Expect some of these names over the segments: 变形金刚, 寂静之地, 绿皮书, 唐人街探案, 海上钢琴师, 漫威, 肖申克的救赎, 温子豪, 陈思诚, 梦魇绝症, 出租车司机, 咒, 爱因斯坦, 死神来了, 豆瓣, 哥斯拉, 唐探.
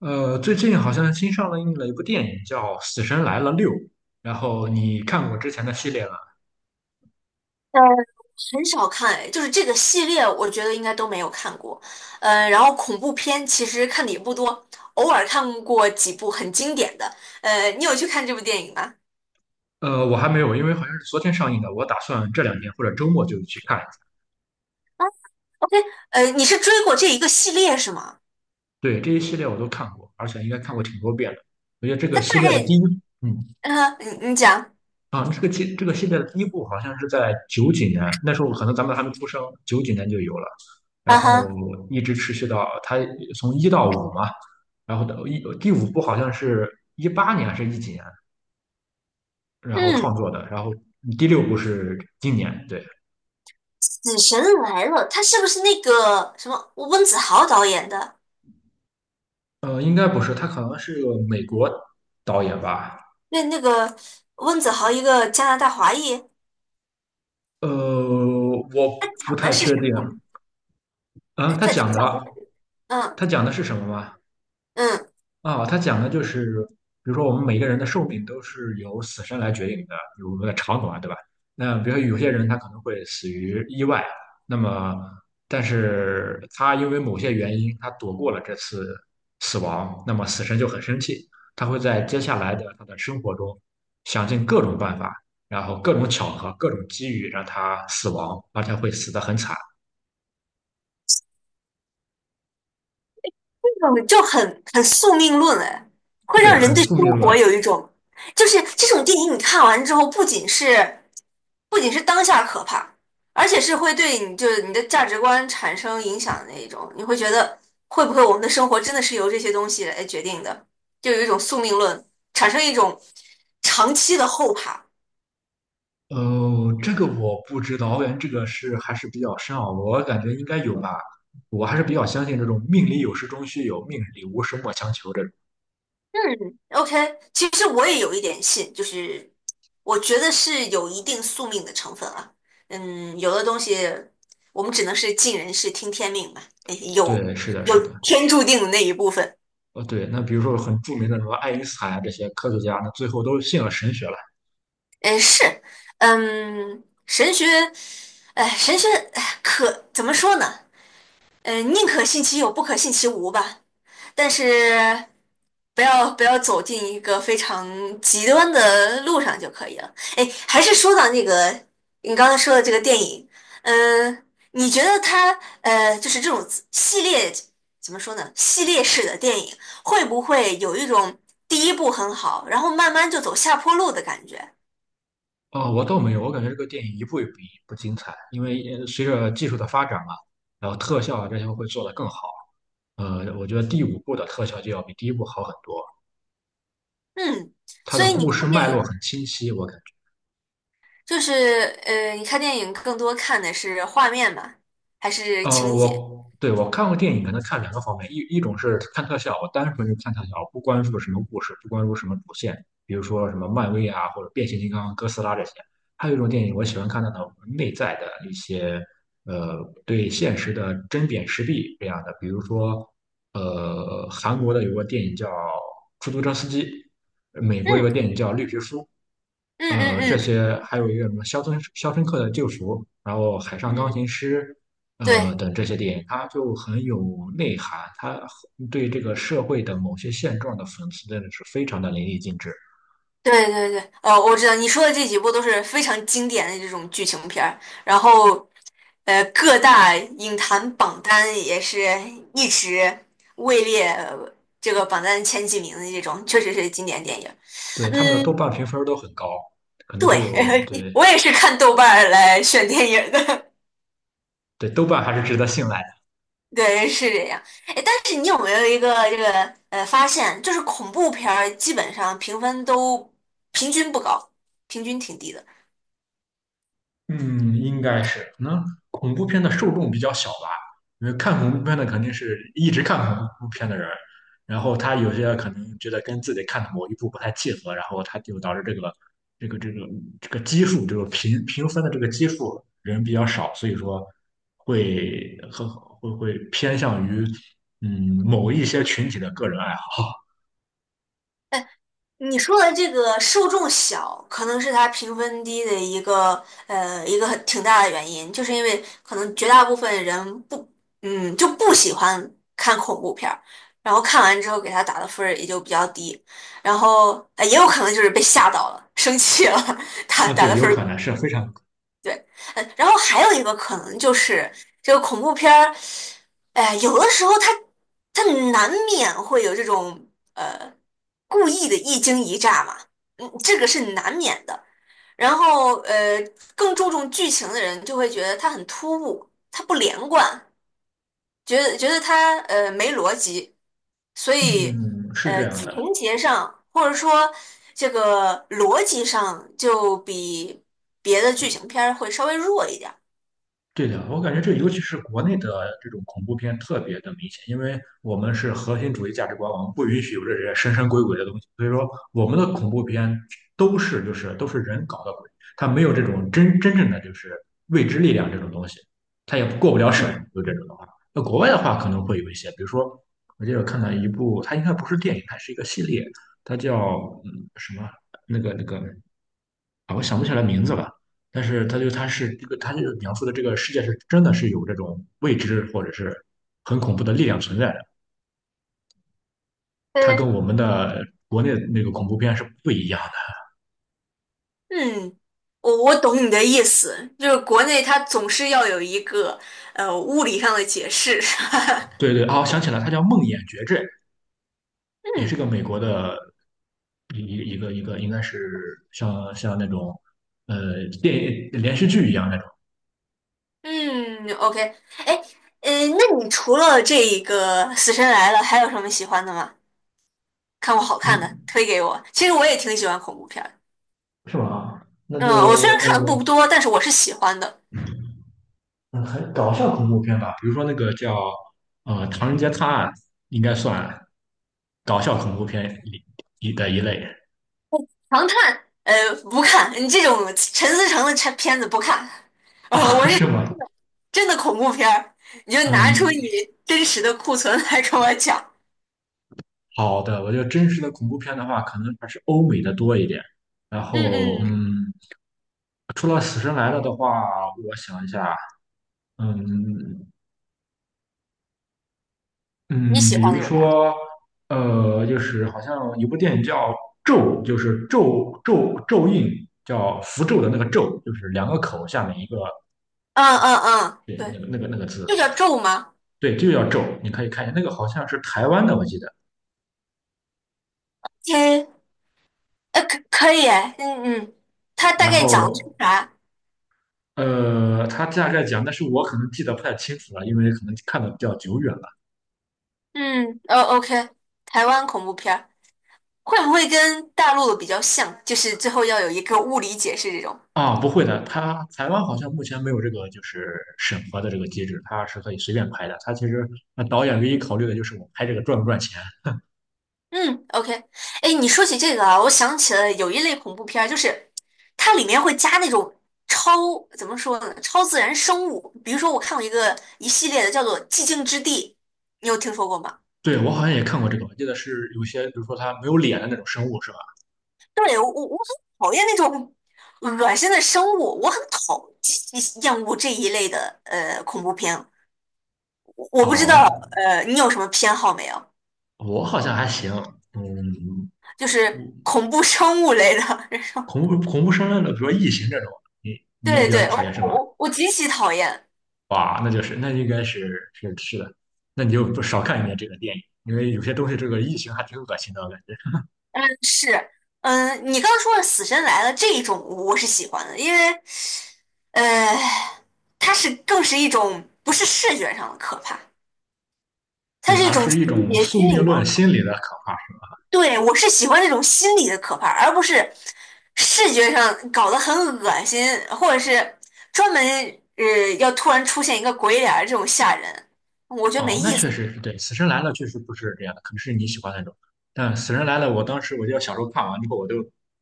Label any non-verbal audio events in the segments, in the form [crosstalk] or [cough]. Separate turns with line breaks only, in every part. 最近好像新上映了一部电影叫《死神来了六》，然后你看过之前的系列吗？
呃，很少看，哎，就是这个系列，我觉得应该都没有看过。然后恐怖片其实看的也不多，偶尔看过几部很经典的。你有去看这部电影吗？
我还没有，因为好像是昨天上映的，我打算这两天或者周末就去看一下。
啊，OK，你是追过这一个系列是吗？
对，这一系列我都看过，而且应该看过挺多遍的。我觉得这个
他大
系列的第
概，
一，嗯，
嗯,你讲，
啊，这个系这个系列的第一部好像是在九几年，那时候可能咱们还没出生，九几年就有了，然
啊
后
哈，
一直持续到它从一到五嘛，然后到一第五部好像是一八年还是一几年，然后
嗯，
创作的，然后第六部是今年。对，
《死神来了》，他是不是那个什么温子豪导演的？
应该不是，他可能是个美国导演吧。
那那个温子豪一个加拿大华裔，他
我不
讲的
太
是
确
啥呀？
定。啊、
呃
他
他他
讲
讲
的
的，嗯。
他讲的是什么吗？
嗯
他讲的就是，比如说我们每个人的寿命都是由死神来决定的，有我们的长短，对吧？那比如说有些人他可能会死于意外，那么但是他因为某些原因他躲过了这次死亡，那么死神就很生气，他会在接下来的他的生活中想尽各种办法，然后各种巧合、各种机遇让他死亡，而且会死得很惨。
这种就很宿命论哎，会
对，
让人
很
对生
宿命论。
活有一种，就是这种电影你看完之后，不仅是当下可怕，而且是会对你就是你的价值观产生影响的那一种，你会觉得会不会我们的生活真的是由这些东西来决定的，就有一种宿命论，产生一种长期的后怕。
哦，这个我不知道，我感觉这个是还是比较深奥，我感觉应该有吧。我还是比较相信这种命里有时终须有，命里无时莫强求这种。
嗯，OK，其实我也有一点信，就是我觉得是有一定宿命的成分啊。嗯，有的东西我们只能是尽人事听天命吧，诶有
对，是的，
有
是的。
天注定的那一部分。
哦，对，那比如说很著名的什么爱因斯坦啊，这些科学家，那最后都信了神学了。
嗯，是，嗯，神学，哎，神学，哎，可怎么说呢？嗯，宁可信其有，不可信其无吧。但是不要走进一个非常极端的路上就可以了。哎，还是说到那个你刚才说的这个电影，嗯、你觉得它就是这种系列怎么说呢？系列式的电影会不会有一种第一部很好，然后慢慢就走下坡路的感觉？
哦，我倒没有，我感觉这个电影一部也比一部精彩，因为随着技术的发展嘛，然后特效啊这些会做得更好。我觉得第五部的特效就要比第一部好很多，
嗯，
它
所
的
以
故
你
事
看电
脉络
影
很清晰，我感觉。
就是你看电影更多看的是画面吗？还是情节？
我对我看过电影，可能看两个方面，一种是看特效，我单纯是看特效，不关注什么故事，不关注什么主线，比如说什么漫威啊，或者变形金刚、哥斯拉这些。还有一种电影，我喜欢看那种内在的一些，呃，对现实的针砭时弊这样的，比如说，韩国的有个电影叫《出租车司机》，美国有
嗯
个电影叫《绿皮书》，
嗯嗯
这
嗯
些还有一个什么肖申克的救赎》》，然后《海上钢琴
嗯。
师》，
对
等这些电影，它就很有内涵，它对这个社会的某些现状的讽刺真的是非常的淋漓尽致。
对对对，我知道你说的这几部都是非常经典的这种剧情片儿，然后，各大影坛榜单也是一直位列这个榜单前几名的这种，确实是经典电影。
对，他们的豆
嗯，
瓣评分都很高，可能都
对，
有。
[laughs]
对
我也是看豆瓣儿来选电影的，
对，豆瓣还是值得信赖的。
[laughs] 对，是这样。哎，但是你有没有一个这个发现，就是恐怖片儿基本上评分都平均不高，平均挺低的。
嗯，应该是，可能恐怖片的受众比较小吧，因为看恐怖片的肯定是一直看恐怖片的人，然后他有些可能觉得跟自己看的某一部不太契合，然后他就导致这个这个这个基数，这个评分的这个基数人比较少，所以说会和会会偏向于某一些群体的个人爱好。
你说的这个受众小，可能是它评分低的一个一个很挺大的原因，就是因为可能绝大部分人不嗯就不喜欢看恐怖片儿，然后看完之后给他打的分儿也就比较低，然后也有可能就是被吓到了，生气了，[laughs] 打
啊，
打
对，
的
有
分
可
儿。
能是非常。
对，然后还有一个可能就是这个恐怖片儿，有的时候它难免会有这种呃故意的一惊一乍嘛，嗯，这个是难免的。然后更注重剧情的人就会觉得它很突兀，它不连贯，觉得它没逻辑，所以
嗯，是这样的。
情节上或者说这个逻辑上就比别的剧情片儿会稍微弱一点儿。
对的，我感觉这尤其是国内的这种恐怖片特别的明显，因为我们是核心主义价值观，我们不允许有这些神神鬼鬼的东西，所以说我们的恐怖片都是就是都是人搞的鬼，它没有这种真正的就是未知力量这种东西，它也过不了审，就这种的话。那国外的话可能会有一些，比如说我记得看到一部，它应该不是电影，它是一个系列，它叫什么那个。啊，我想不起来名字了，但是他是这个，他就是描述的这个世界是真的是有这种未知或者是很恐怖的力量存在的，它跟
嗯，
我们的国内那个恐怖片是不一样的。
嗯，我懂你的意思，就是国内它总是要有一个物理上的解释。[laughs]
对对，啊，我想起来，它叫《梦魇绝症》，也是
嗯
个美国的一个一个应该是像那种电影连续剧一样那种。
嗯，OK,哎，那你除了这一个《死神来了》，还有什么喜欢的吗？看过好看的，
嗯，
推给我。其实我也挺喜欢恐怖片儿的。
是吗？那
嗯，
就
我虽然看的
呃，
不多，但是我是喜欢的。
嗯，很搞笑恐怖片吧，比如说那个叫《唐人街探案》，应该算搞笑恐怖片里的一类。
唐探，不看，你这种陈思诚的片子不看。
[laughs]
我是
是吗？
真的恐怖片儿，你就拿出你
嗯，
真实的库存来跟我讲。
好的，我觉得真实的恐怖片的话，可能还是欧美的多一点。然
嗯
后，
嗯，
嗯，除了《死神来了》的话，我想一下。嗯
你
嗯，
喜
比
欢
如
那个吧？
说，就是好像有部电影叫《咒》，就是咒印，叫符咒的那个咒，就是两个口下面一个
嗯嗯嗯，
对，
对，
那个字，
就
对
叫咒吗？
对，就叫咒。你可以看一下，那个好像是台湾的，我记得。
嘿，可以哎，嗯嗯，它大
然
概讲的是
后
啥？
他大概讲，但是我可能记得不太清楚了，因为可能看的比较久远了。
嗯，OK,台湾恐怖片儿会不会跟大陆的比较像？就是最后要有一个物理解释这种。
啊，不会的，他台湾好像目前没有这个就是审核的这个机制，他是可以随便拍的。他其实那导演唯一考虑的就是我拍这个赚不赚钱。
嗯，OK,哎，你说起这个啊，我想起了有一类恐怖片儿，就是它里面会加那种超，怎么说呢，超自然生物。比如说，我看过一个一系列的叫做《寂静之地》，你有听说过吗？
对，我好像也看过这个，我记得是有些，比如说他没有脸的那种生物，是吧？
对，我很讨厌那种恶心的生物，我很极其厌恶这一类的恐怖片。我不知
哦，
道
那
你有什么偏好没有？
我好像还行。嗯，
就是恐怖生物类的，[laughs] 这种。
恐怖生论的，比如说异形这种，你也
对
比较
对，我
讨厌是
我
吗？
我我极其讨厌。
哇，那就是那应该是的，那你就不少看一点这个电影，因为有些东西这个异形还挺恶心的，我感觉。
嗯，是，嗯，你刚刚说的《死神来了》这一种，我是喜欢的，因为，呃，它是更是一种不是视觉上的可怕，它
对，
是一
而
种
是一
情
种
节
宿
心
命
理上
论
的可
心
怕。
理的可怕。
对，我是喜欢那种心理的可怕，而不是视觉上搞得很恶心，或者是专门要突然出现一个鬼脸儿这种吓人，我觉得没
哦，那
意思。
确实是对，《死神来了》确实不是这样的，可能是你喜欢那种。但《死神来了》，我当时我就得小时候看完之后，我都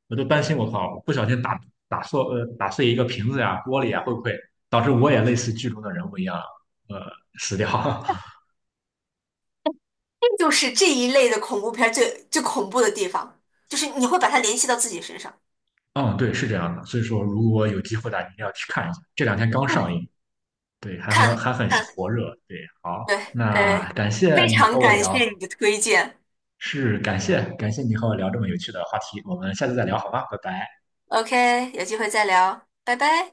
我都担心，我靠，我不小心打碎打碎一个瓶子呀、玻璃呀，会不会导致我也类似剧中的人物一样呃死掉？[laughs]
这就是这一类的恐怖片儿最最恐怖的地方，就是你会把它联系到自己身上，
嗯，对，是这样的。所以说，如果有机会的话，一定要去看一下。这两天刚上
[laughs]
映，对，
看
还很
看。
火热。对，好，
对
那
对，
感谢
非
你
常
和我
感
聊，
谢你的推荐。
是感谢你和我聊这么有趣的话题。我们下次再聊，好吗？拜拜。
OK,有机会再聊，拜拜。